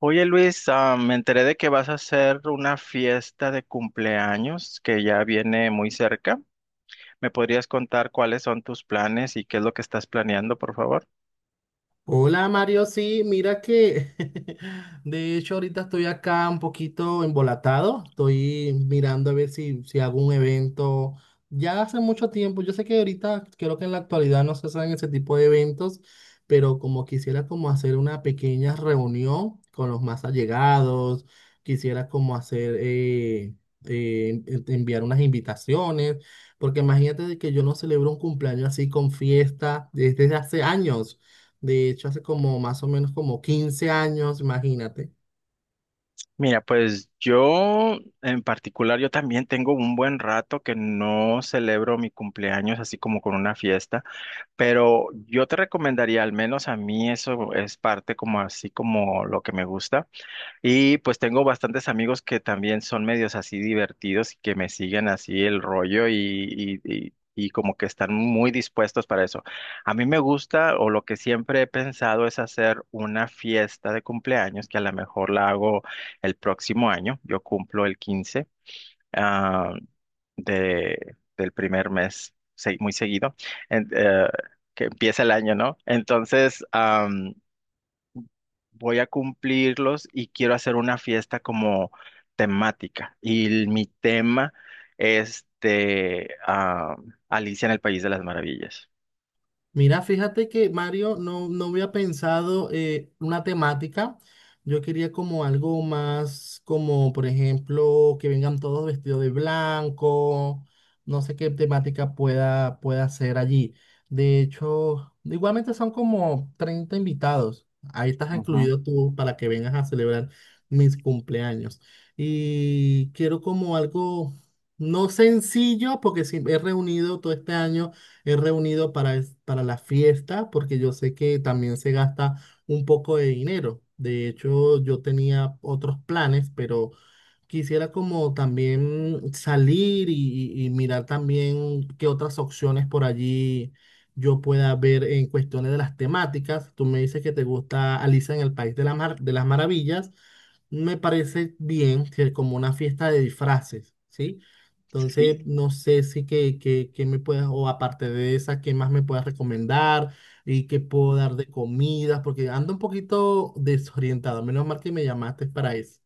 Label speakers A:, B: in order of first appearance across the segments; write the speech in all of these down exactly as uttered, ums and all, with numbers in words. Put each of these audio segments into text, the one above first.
A: Oye Luis, ah, me enteré de que vas a hacer una fiesta de cumpleaños que ya viene muy cerca. ¿Me podrías contar cuáles son tus planes y qué es lo que estás planeando, por favor?
B: Hola Mario, sí, mira que de hecho ahorita estoy acá un poquito embolatado, estoy mirando a ver si, si hago un evento. Ya hace mucho tiempo, yo sé que ahorita creo que en la actualidad no se hacen ese tipo de eventos, pero como quisiera como hacer una pequeña reunión con los más allegados, quisiera como hacer, eh, eh, en- enviar unas invitaciones, porque imagínate de que yo no celebro un cumpleaños así con fiesta desde hace años. De hecho, hace como más o menos como quince años, imagínate.
A: Mira, pues yo en particular, yo también tengo un buen rato que no celebro mi cumpleaños así como con una fiesta, pero yo te recomendaría, al menos a mí eso es parte como así como lo que me gusta. Y pues tengo bastantes amigos que también son medios así divertidos y que me siguen así el rollo y, y, y- y como que están muy dispuestos para eso. A mí me gusta o lo que siempre he pensado es hacer una fiesta de cumpleaños que a lo mejor la hago el próximo año. Yo cumplo el quince, ah, de, del primer mes, se- muy seguido, en- eh, que empieza el año, ¿no? Entonces voy a cumplirlos y quiero hacer una fiesta como temática. Y el- mi tema es este: ah, Alicia en el País de las Maravillas.
B: Mira, fíjate que Mario, no, no había pensado, eh, una temática. Yo quería como algo más, como por ejemplo, que vengan todos vestidos de blanco. No sé qué temática pueda, pueda ser allí. De hecho, igualmente son como treinta invitados. Ahí estás
A: Ujú.
B: incluido tú para que vengas a celebrar mis cumpleaños. Y quiero como algo no sencillo, porque sí, he reunido todo este año, he reunido para, es- para la fiesta, porque yo sé que también se gasta un poco de dinero. De hecho, yo tenía otros planes, pero quisiera como también salir y, y- y mirar también qué otras opciones por allí yo pueda ver en cuestiones de las temáticas. Tú me dices que te gusta Alicia en el País de la Mar- de las Maravillas. Me parece bien que como una fiesta de disfraces, ¿sí? Entonces, no sé si que, que, que me puedas, o aparte de esa, qué más me puedas recomendar y qué puedo dar de comidas, porque ando un poquito desorientado. Menos mal que me llamaste para eso.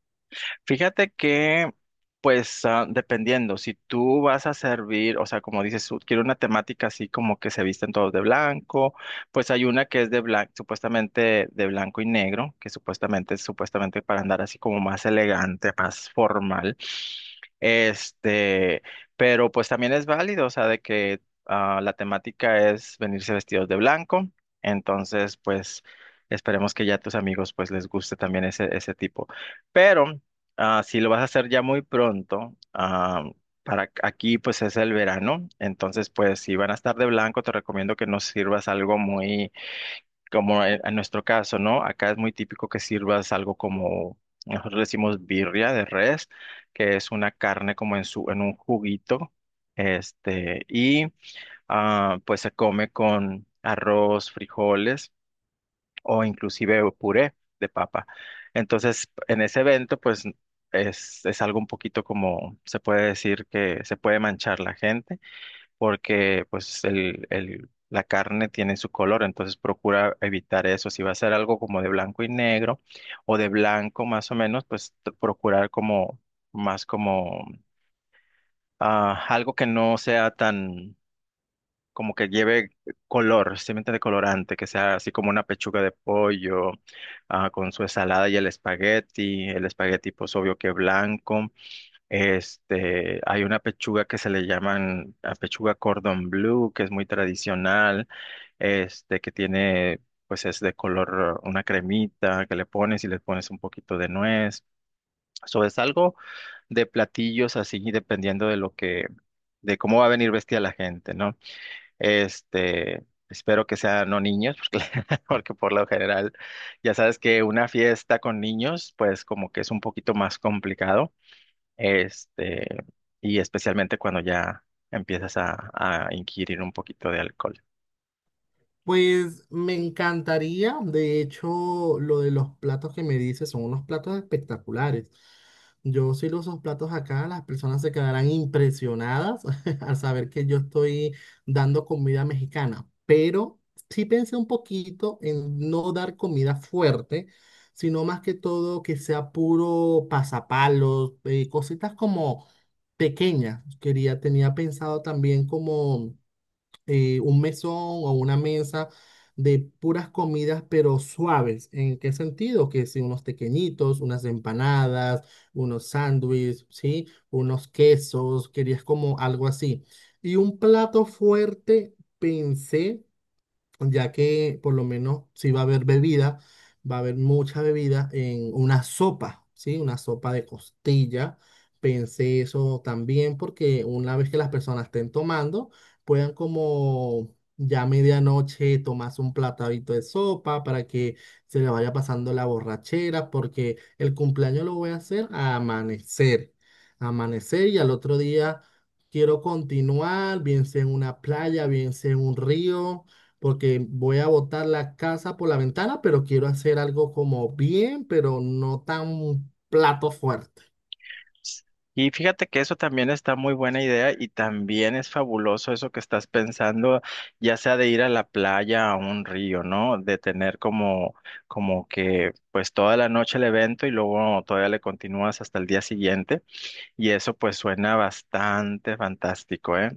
A: Fíjate que, pues, ah, dependiendo, si tú vas a servir, o sea, como dices tú, quiero una temática así como que se visten todos de blanco, pues hay una que es de blanco, supuestamente de blanco y negro, que supuestamente es supuestamente para andar así como más elegante, más formal. Este, pero pues también es válido, o sea, de que ah, la temática es venirse vestidos de blanco, entonces, pues, esperemos que ya a tus amigos, pues, les guste también ese, ese tipo. Pero Ah, si lo vas a hacer ya muy pronto, ah, para ac- aquí pues es el verano, entonces pues si van a estar de blanco te recomiendo que no sirvas algo muy como en, en nuestro caso, ¿no? Acá es muy típico que sirvas algo como nosotros le decimos birria de res, que es una carne como en su en un juguito, este y ah, pues se come con arroz, frijoles o inclusive puré de papa. Entonces, en ese evento, pues es, es algo un poquito, como se puede decir, que se puede manchar la gente porque pues el, el- la carne tiene su color, entonces procura evitar eso. Si va a ser algo como de blanco y negro o de blanco más o menos, pues t- procurar como más como ah, algo que no sea tan como que lleve color, simplemente de colorante, que sea así como una pechuga de pollo, ah, con su ensalada y el espagueti. El espagueti pues obvio que blanco. Este, hay una pechuga que se le llaman, ah, pechuga cordon bleu, que es muy tradicional. Este, que tiene, pues, es de color, una cremita que le pones, y le pones un poquito de nuez. Eso es algo de platillos así, dependiendo de lo que, de cómo va a venir vestida la gente, ¿no? Este, espero que sean no niños, porque porque por lo general ya sabes que una fiesta con niños, pues como que es un poquito más complicado. Este, y especialmente cuando ya empiezas a, a inquirir un poquito de alcohol.
B: Pues me encantaría, de hecho, lo de los platos que me dices son unos platos espectaculares. Yo si los uso platos acá, las personas se quedarán impresionadas al saber que yo estoy dando comida mexicana, pero sí pensé un poquito en no dar comida fuerte, sino más que todo que sea puro pasapalos, eh, cositas como pequeñas. Quería, tenía pensado también como, eh, un mesón o una mesa de puras comidas, pero suaves. ¿En qué sentido? Que si unos tequeñitos, unas empanadas, unos sándwiches, ¿sí? Unos quesos, querías como algo así. Y un plato fuerte, pensé ya que por lo menos si va a haber bebida, va a haber mucha bebida en una sopa, ¿sí? Una sopa de costilla. Pensé eso también porque una vez que las personas estén tomando, puedan como ya a medianoche tomarse un platadito de sopa para que se le vaya pasando la borrachera, porque el cumpleaños lo voy a hacer a amanecer, amanecer y al otro día quiero continuar, bien sea en una playa, bien sea en un río, porque voy a botar la casa por la ventana, pero quiero hacer algo como bien, pero no tan plato fuerte.
A: Y fíjate que eso también está muy buena idea y también es fabuloso eso que estás pensando, ya sea de ir a la playa, a un río, ¿no? De tener como, como que pues toda la noche el evento y luego todavía le continúas hasta el día siguiente. Y eso pues suena bastante fantástico, ¿eh?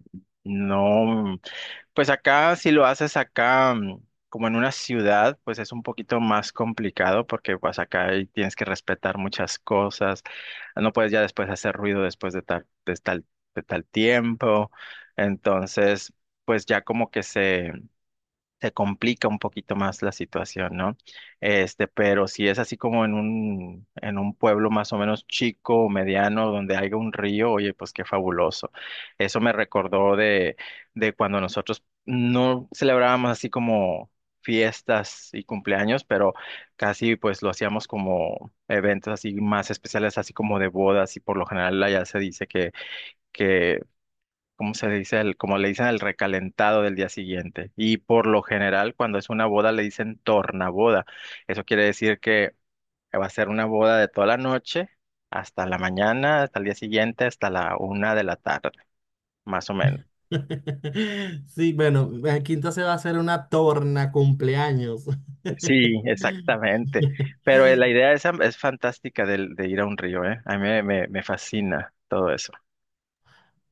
A: No. Pues acá, si lo haces acá, mm, como en una ciudad, pues es un poquito más complicado porque pues acá ahí tienes que respetar muchas cosas. No puedes ya después hacer ruido después de tal, de tal, de tal tiempo. Entonces, pues ya como que se se complica un poquito más la situación, ¿no? Este, pero si es así como en un, en un pueblo más o menos chico o mediano donde haya un río, oye, pues qué fabuloso. Eso me recordó de, de cuando nosotros no celebrábamos así como fiestas y cumpleaños, pero casi pues lo hacíamos como eventos así más especiales, así como de bodas, y por lo general allá se dice que que ¿cómo se dice? El, como le dicen, el recalentado del día siguiente. Y por lo general, cuando es una boda, le dicen tornaboda. Eso quiere decir que va a ser una boda de toda la noche hasta la mañana, hasta el día siguiente, hasta la una de la tarde, más o menos.
B: Sí, bueno, aquí entonces va a ser una torna cumpleaños.
A: Sí, exactamente. Pero eh, la idea esa es fantástica del- de ir a un río, ¿eh? A mí me, me me fascina todo eso.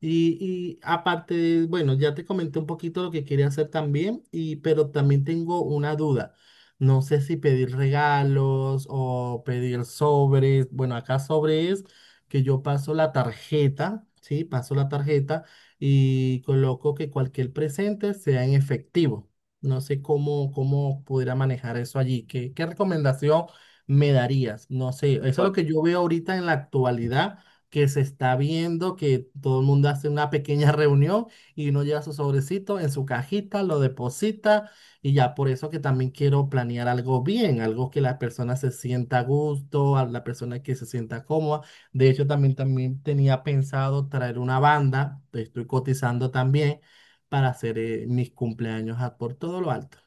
B: Y, y aparte, bueno, ya te comenté un poquito lo que quería hacer también, y, pero también tengo una duda. No sé si pedir regalos o pedir sobres. Bueno, acá sobre es que yo paso la tarjeta, ¿sí? Paso la tarjeta y coloco que cualquier presente sea en efectivo. No sé cómo, cómo pudiera manejar eso allí. ¿Qué, qué recomendación me darías? No sé, eso es lo
A: Bueno,
B: que yo veo ahorita en la actualidad que se está viendo, que todo el mundo hace una pequeña reunión y uno lleva su sobrecito en su cajita, lo deposita y ya por eso que también quiero planear algo bien, algo que la persona se sienta a gusto, a la persona que se sienta cómoda. De hecho, también, también tenía pensado traer una banda, estoy cotizando también para hacer, eh, mis cumpleaños a- por todo lo alto.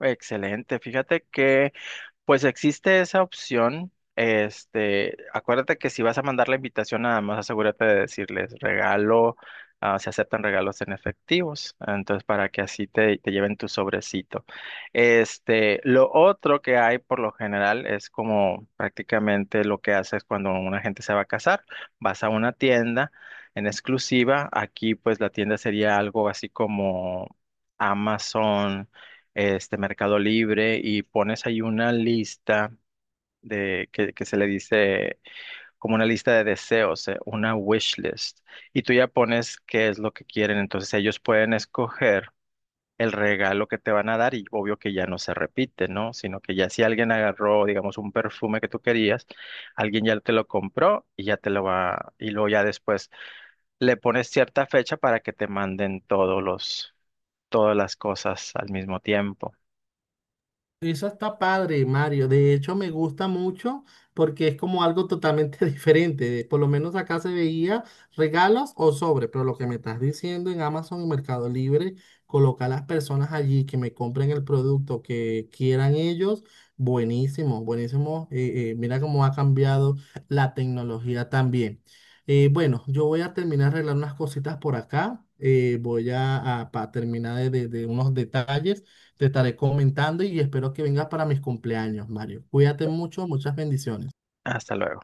A: excelente. Fíjate que pues existe esa opción. Este, acuérdate que si vas a mandar la invitación, nada más asegúrate de decirles: regalo, ah, se aceptan regalos en efectivos, entonces para que así te, te lleven tu sobrecito. Este, lo otro que hay por lo general es como prácticamente lo que haces cuando una gente se va a casar: vas a una tienda en exclusiva; aquí pues la tienda sería algo así como Amazon, este, Mercado Libre, y pones ahí una lista de que, que se le dice como una lista de deseos, eh, una wish list, y tú ya pones qué es lo que quieren, entonces ellos pueden escoger el regalo que te van a dar, y obvio que ya no se repite, ¿no? Sino que ya si alguien agarró, digamos, un perfume que tú querías, alguien ya te lo compró y ya te lo va, y luego ya después le pones cierta fecha para que te manden todos los, todas las cosas al mismo tiempo.
B: Eso está padre, Mario. De hecho, me gusta mucho porque es como algo totalmente diferente. De- Por lo menos acá se veía regalos o sobre, pero lo que me estás diciendo en Amazon y Mercado Libre, colocar a las personas allí que me compren el producto que quieran ellos, buenísimo, buenísimo. Eh, eh, mira cómo ha cambiado la tecnología también. Eh, bueno, yo voy a terminar de arreglar unas cositas por acá. eh, voy a, a- pa- terminar de de- de unos detalles te estaré comentando y espero que vengas para mis cumpleaños, Mario. Cuídate mucho, muchas bendiciones.
A: Hasta luego.